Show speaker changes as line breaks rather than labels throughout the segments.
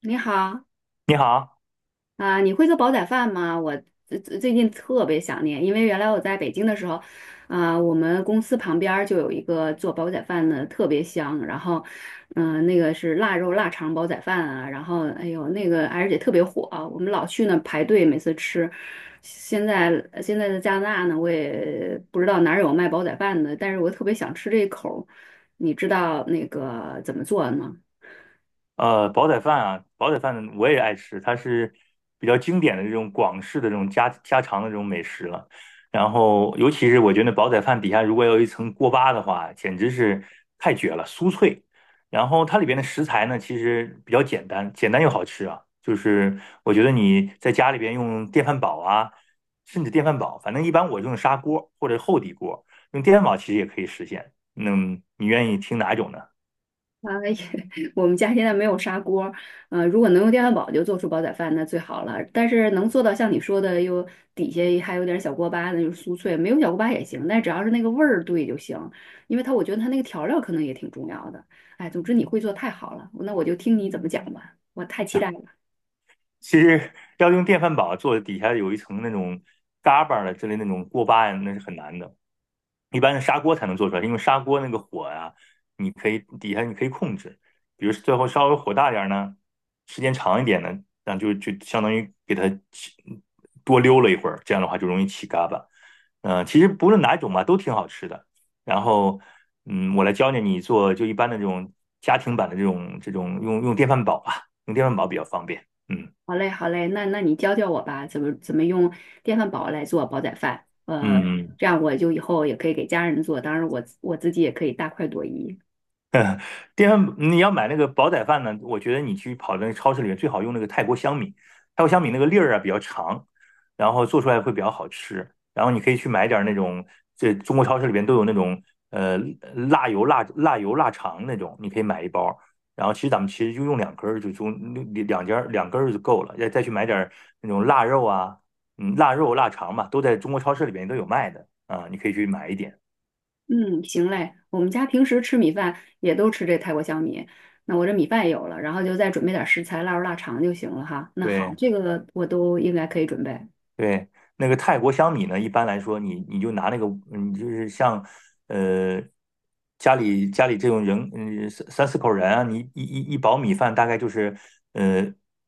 你好
你好，
啊，你会做煲仔饭吗？我最近特别想念，因为原来我在北京的时候，我们公司旁边儿就有一个做煲仔饭的，特别香。然后，那个是腊肉腊肠煲仔饭啊，然后哎呦那个而且特别火啊，我们老去那排队，每次吃。现在现在在加拿大呢，我也不知道哪儿有卖煲仔饭的，但是我特别想吃这一口儿你知道那个怎么做的吗？
煲仔饭啊，煲仔饭我也爱吃，它是比较经典的这种广式的这种家常的这种美食了。然后，尤其是我觉得煲仔饭底下如果有一层锅巴的话，简直是太绝了，酥脆。然后它里边的食材呢，其实比较简单，简单又好吃啊。就是我觉得你在家里边用电饭煲啊，甚至电饭煲，反正一般我用砂锅或者厚底锅，用电饭煲其实也可以实现。那你愿意听哪种呢？
啊，我们家现在没有砂锅儿，如果能用电饭煲就做出煲仔饭，那最好了。但是能做到像你说的，又底下还有点小锅巴，那就是酥脆，没有小锅巴也行，但只要是那个味儿对就行。因为我觉得它那个调料可能也挺重要的。哎，总之你会做太好了，那我就听你怎么讲吧，我太期待了。
其实要用电饭煲做底下有一层那种嘎巴儿的之类那种锅巴呀，那是很难的。一般的砂锅才能做出来，因为砂锅那个火呀、你可以底下你可以控制，比如最后稍微火大点儿呢，时间长一点呢，那就相当于给它起多溜了一会儿，这样的话就容易起嘎巴。其实不论哪一种吧，都挺好吃的。然后，我来教教你做就一般的这种家庭版的这种用电饭煲吧，用电饭煲比较方便。嗯。
好嘞，好嘞，那你教教我吧，怎么用电饭煲来做煲仔饭？
嗯，嗯，
这样我就以后也可以给家人做，当然我自己也可以大快朵颐。
你要买那个煲仔饭呢，我觉得你去跑那个超市里面最好用那个泰国香米，泰国香米那个粒儿啊比较长，然后做出来会比较好吃。然后你可以去买点儿那种，这中国超市里边都有那种呃辣油辣辣油腊肠那种，你可以买一包儿然后其实咱们其实就用两根儿，就中两两根儿两根儿就够了。再去买点儿那种腊肉啊，嗯，腊肉腊肠嘛，都在中国超市里边都有卖的啊，你可以去买一点。
嗯，行嘞，我们家平时吃米饭也都吃这泰国香米，那我这米饭有了，然后就再准备点食材，腊肉、腊肠就行了哈。那好，
对。
这个我都应该可以准备。
对，那个泰国香米呢，一般来说你就拿那个，你就是像，呃，家里这种人，三四口人啊，你一包米饭大概就是，呃，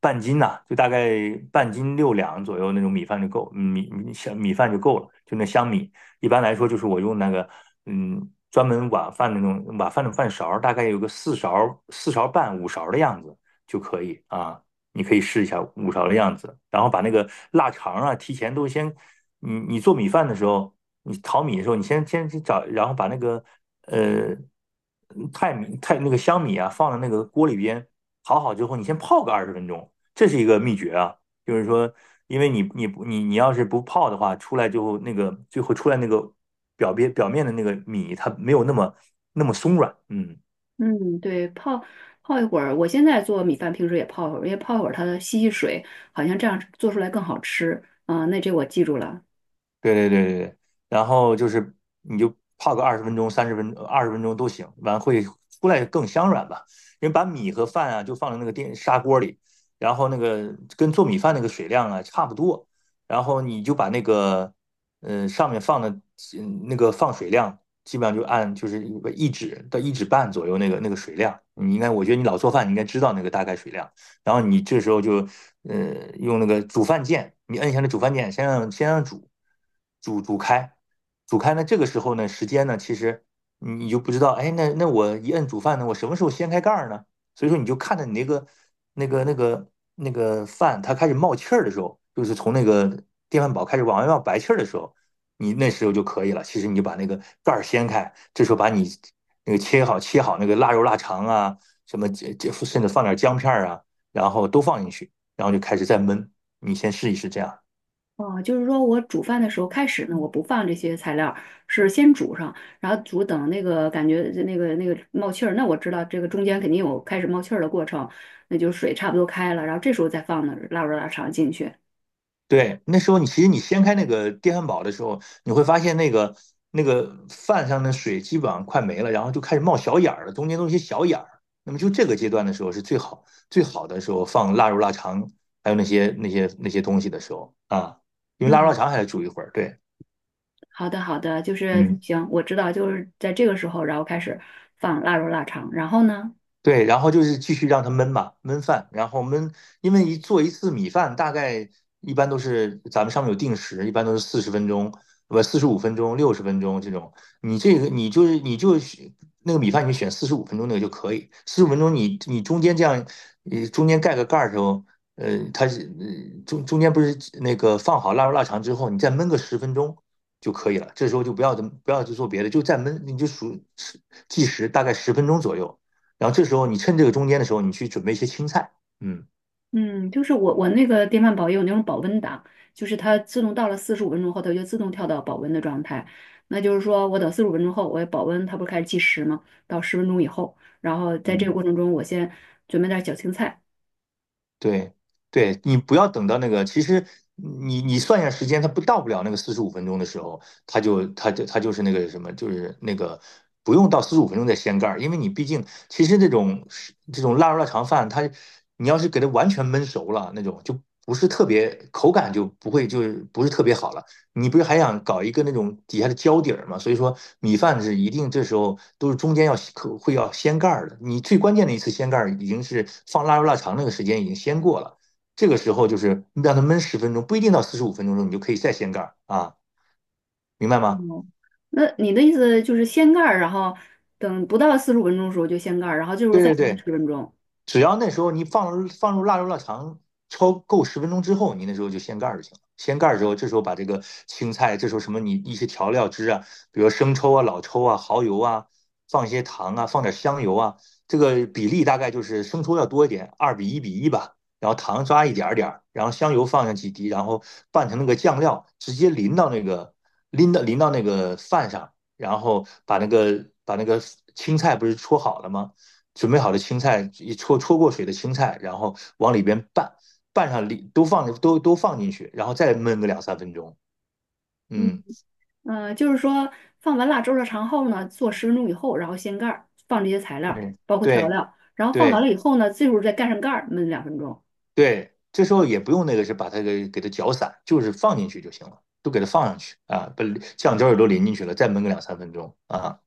半斤呐、就大概半斤六两左右那种米饭就够，香米饭就够了，就那香米。一般来说，就是我用那个，嗯，专门碗饭那种碗饭的饭勺儿，大概有个四勺、4勺半、五勺的样子就可以啊。你可以试一下五勺的样子，然后把那个腊肠啊，提前都先，你你做米饭的时候，你淘米的时候，你先去找，然后把那个呃泰米泰那个香米啊，放在那个锅里边淘好之后，你先泡个二十分钟，这是一个秘诀啊，就是说，因为你要是不泡的话，出来之后那个最后出来那个表面的那个米，它没有那么松软，嗯。
嗯，对，泡一会儿，我现在做米饭，平时也泡一会儿，因为泡一会儿它吸水，好像这样做出来更好吃。啊、那这我记住了。
对对对对对，然后就是你就泡个二十分钟、三十分二十分钟都行，完会出来更香软吧。因为把米和饭啊就放在那个电砂锅里，然后那个跟做米饭那个水量啊差不多，然后你就把那个上面放的那个放水量，基本上就按就是一指到1指半左右那个那个水量。你应该，我觉得你老做饭，你应该知道那个大概水量。然后你这时候就用那个煮饭键，你摁一下那煮饭键，先让煮开，煮开呢这个时候呢时间呢其实你就不知道，哎那那我一摁煮饭呢，我什么时候掀开盖儿呢？所以说你就看着你那个那个那个饭它开始冒气儿的时候，就是从那个电饭煲开始往外冒白气儿的时候，你那时候就可以了。其实你就把那个盖儿掀开，这时候把你那个切好那个腊肉腊肠啊，什么这这甚至放点姜片儿啊。然后都放进去，然后就开始再焖。你先试一试这样。
哦，就是说我煮饭的时候开始呢，我不放这些材料儿是先煮上，然后煮等那个感觉那个冒气儿，那我知道这个中间肯定有开始冒气儿的过程，那就是水差不多开了，然后这时候再放呢腊肉腊肠进去。
对，那时候你其实你掀开那个电饭煲的时候，你会发现那个饭上的水基本上快没了，然后就开始冒小眼儿了，中间都是一些小眼儿。那么就这个阶段的时候是最好最好的时候放腊肉、腊肠，还有那些东西的时候啊，因为腊肉、腊
嗯，
肠还得煮一会儿。对，
好的好的，就是
嗯。
行，我知道就是在这个时候，然后开始放腊肉腊肠，然后呢？
对，然后就是继续让它焖嘛，焖饭，然后焖，因为一次米饭，大概一般都是咱们上面有定时，一般都是40分钟，不四十五分钟、60分钟这种。你就是那个米饭，你选四十五分钟那个就可以。四十五分钟你你中间这样，中间盖个盖儿的时候，它是中间不是那个放好腊肉腊肠之后，你再焖个十分钟就可以了。这时候就不要去做别的，就再焖，你就数计时，大概十分钟左右。然后这时候你趁这个中间的时候，你去准备一些青菜。嗯
嗯，就是我那个电饭煲也有那种保温档，就是它自动到了四十五分钟后，它就自动跳到保温的状态。那就是说我等四十五分钟后，我保温，它不是开始计时吗？到十分钟以后，然后在这个
嗯，
过程中，我先准备点儿小青菜。
对对，你不要等到那个，其实你你算一下时间，它不了那个四十五分钟的时候，它就是那个什么，就是那个不用到四十五分钟再掀盖儿，因为你毕竟其实这种是这种腊肉腊肠饭，它你要是给它完全焖熟了那种，就不是特别口感就不会就是不是特别好了。你不是还想搞一个那种底下的胶底儿吗？所以说米饭是一定这时候都是中间要可会要掀盖儿的。你最关键的一次掀盖儿已经是放腊肉腊肠那个时间已经掀过了，这个时候就是让它焖十分钟，不一定到四十五分钟的时候你就可以再掀盖儿啊，明白吗？
哦，那你的意思就是掀盖儿，然后等不到四十五分钟的时候就掀盖儿，然后就是
对
再
对
焖十
对。
分钟。
只要那时候你放入腊肉腊肠焯够十分钟之后，你那时候就掀盖儿就行了。掀盖儿之后，这时候把这个青菜，这时候什么你一些调料汁啊，比如生抽啊、老抽啊、蚝油啊，放一些糖啊，放点香油啊，这个比例大概就是生抽要多一点，2:1:1吧，然后糖抓一点点儿，然后香油放上几滴，然后拌成那个酱料，直接淋到那个饭上，然后把那个青菜不是戳好了吗？准备好的青菜，焯过水的青菜，然后往里边拌，拌上里都放都放进去，然后再焖个两三分钟。
嗯，
嗯，
就是说放完腊猪肉肠后呢，做十分钟以后，然后掀盖儿，放这些材料，
对
包括调
对
料，然后放完
对
了以后呢，最后再盖上盖儿，焖两分钟。
对，这时候也不用那个是把它给它搅散，就是放进去就行了，都给它放上去啊，把酱汁儿也都淋进去了，再焖个两三分钟啊。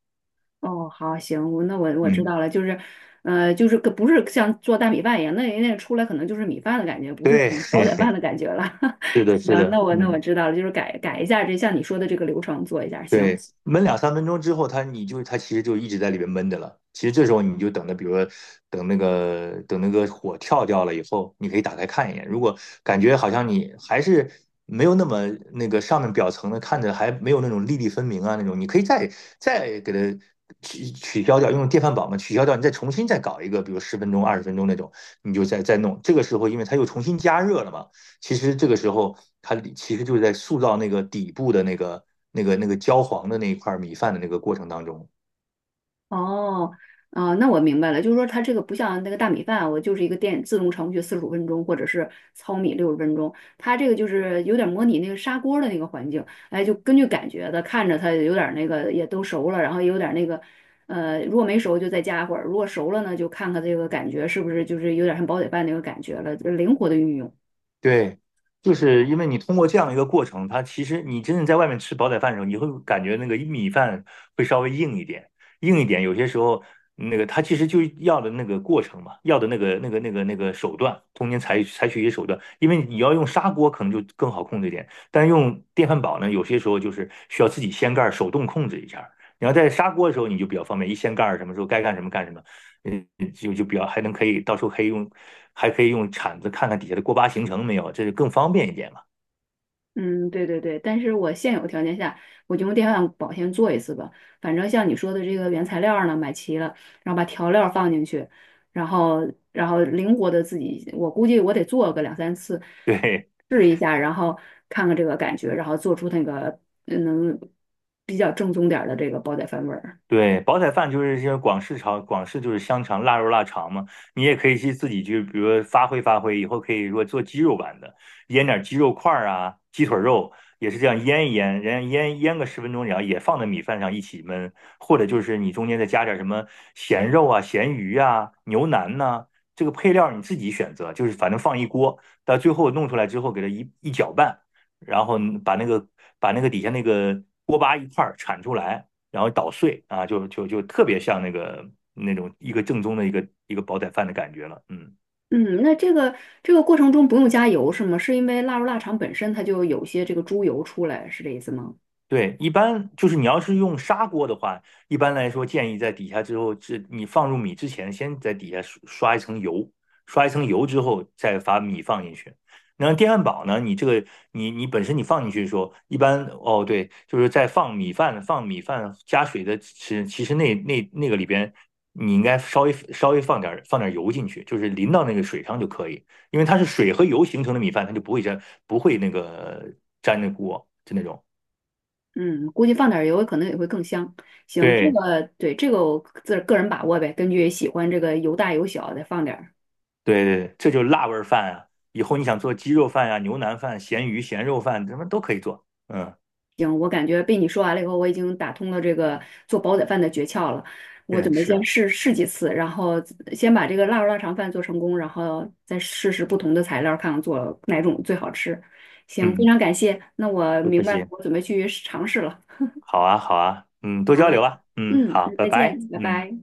哦，好，行，那我知
嗯，
道了，就是，就是个不是像做大米饭一样，那那出来可能就是米饭的感觉，不是
对，
那种煲仔饭 的感觉了。
是的，是
行，
的，
那我
嗯。
知道了，就是改改一下这像你说的这个流程做一下，
对，
行。
焖两三分钟之后，它你就它其实就一直在里边焖着了。其实这时候你就等着，比如说等那个火跳掉了以后，你可以打开看一眼。如果感觉好像你还是没有那么那个上面表层的看着还没有那种粒粒分明啊那种，你可以再给它取消掉，用电饭煲嘛取消掉，你再重新再搞一个，比如十分钟、20分钟那种，你就再弄。这个时候因为它又重新加热了嘛。其实这个时候，它其实就是在塑造那个底部的那个焦黄的那一块米饭的那个过程当中，
哦，啊、那我明白了，就是说它这个不像那个大米饭，我就是一个电自动程序四十五分钟，或者是糙米六十分钟，它这个就是有点模拟那个砂锅的那个环境，哎，就根据感觉的，看着它有点那个也都熟了，然后也有点那个，如果没熟就再加一会儿，如果熟了呢，就看看这个感觉是不是就是有点像煲仔饭那个感觉了，灵活的运用。
对，就是因为你通过这样一个过程，它其实你真正在外面吃煲仔饭的时候，你会感觉那个米饭会稍微硬一点，硬一点。有些时候，那个它其实就要的那个过程嘛，要的那个手段，中间采取一些手段。因为你要用砂锅可能就更好控制一点，但用电饭煲呢，有些时候就是需要自己掀盖儿手动控制一下儿。你要在砂锅的时候，你就比较方便，一掀盖儿什么时候该干什么干什么。嗯，就比较还能可以到时候可以用，还可以用铲子看看底下的锅巴形成没有，这就更方便一点嘛。
嗯，对对对，但是我现有条件下，我就用电饭煲先做一次吧。反正像你说的这个原材料儿呢，买齐了，然后把调料儿放进去，然后灵活的自己，我估计我得做个两三次，
对，
试一下，然后看看这个感觉，然后做出那个能比较正宗点儿的这个煲仔饭味儿。
对，煲仔饭就是些广式炒，广式就是香肠、腊肉、腊肠嘛。你也可以去自己去，比如说发挥发挥，以后可以如果做鸡肉版的，腌点鸡肉块儿啊，鸡腿肉也是这样腌一腌，然后腌个十分钟，然后也放在米饭上一起焖，或者就是你中间再加点什么咸肉啊、咸鱼啊、牛腩呐、这个配料你自己选择，就是反正放一锅，到最后弄出来之后给它一一搅拌，然后把那个把那个底下那个锅巴一块儿铲出来。然后捣碎啊，就特别像那个那种一个正宗的一个煲仔饭的感觉了，嗯。
嗯，那这个过程中不用加油是吗？是因为腊肉腊肠本身它就有些这个猪油出来，是这意思吗？
对，一般就是你要是用砂锅的话，一般来说建议在底下之后，这你放入米之前，先在底下刷一层油，刷一层油之后再把米放进去。然后电饭煲呢，你这个你本身你放进去的时候，一般哦对，就是在放米饭加水的时，其实那个里边你应该稍微放点油进去，就是淋到那个水上就可以，因为它是水和油形成的米饭，它就不会粘不会那个粘那锅就那种。
嗯，估计放点儿油可能也会更香。行，这
对，
个对这个我自个人把握呗，根据喜欢这个油大油小再放点儿。
对对这就是辣味儿饭啊！以后你想做鸡肉饭呀、牛腩饭、咸鱼、咸肉饭，什么都可以做。嗯
行，我感觉被你说完了以后，我已经打通了这个做煲仔饭的诀窍了。我
嗯，
准备
是
先
啊，
试试几次，然后先把这个腊肉腊肠饭做成功，然后再试试不同的材料，看看做哪种最好吃。行，非
嗯，
常感谢。那我
不
明
客
白了，
气。
我准备去尝试了。
好啊，好啊，嗯，多
好
交流
嘞，
啊，嗯，
嗯，
好，
那
拜
再
拜，
见，拜
嗯。
拜。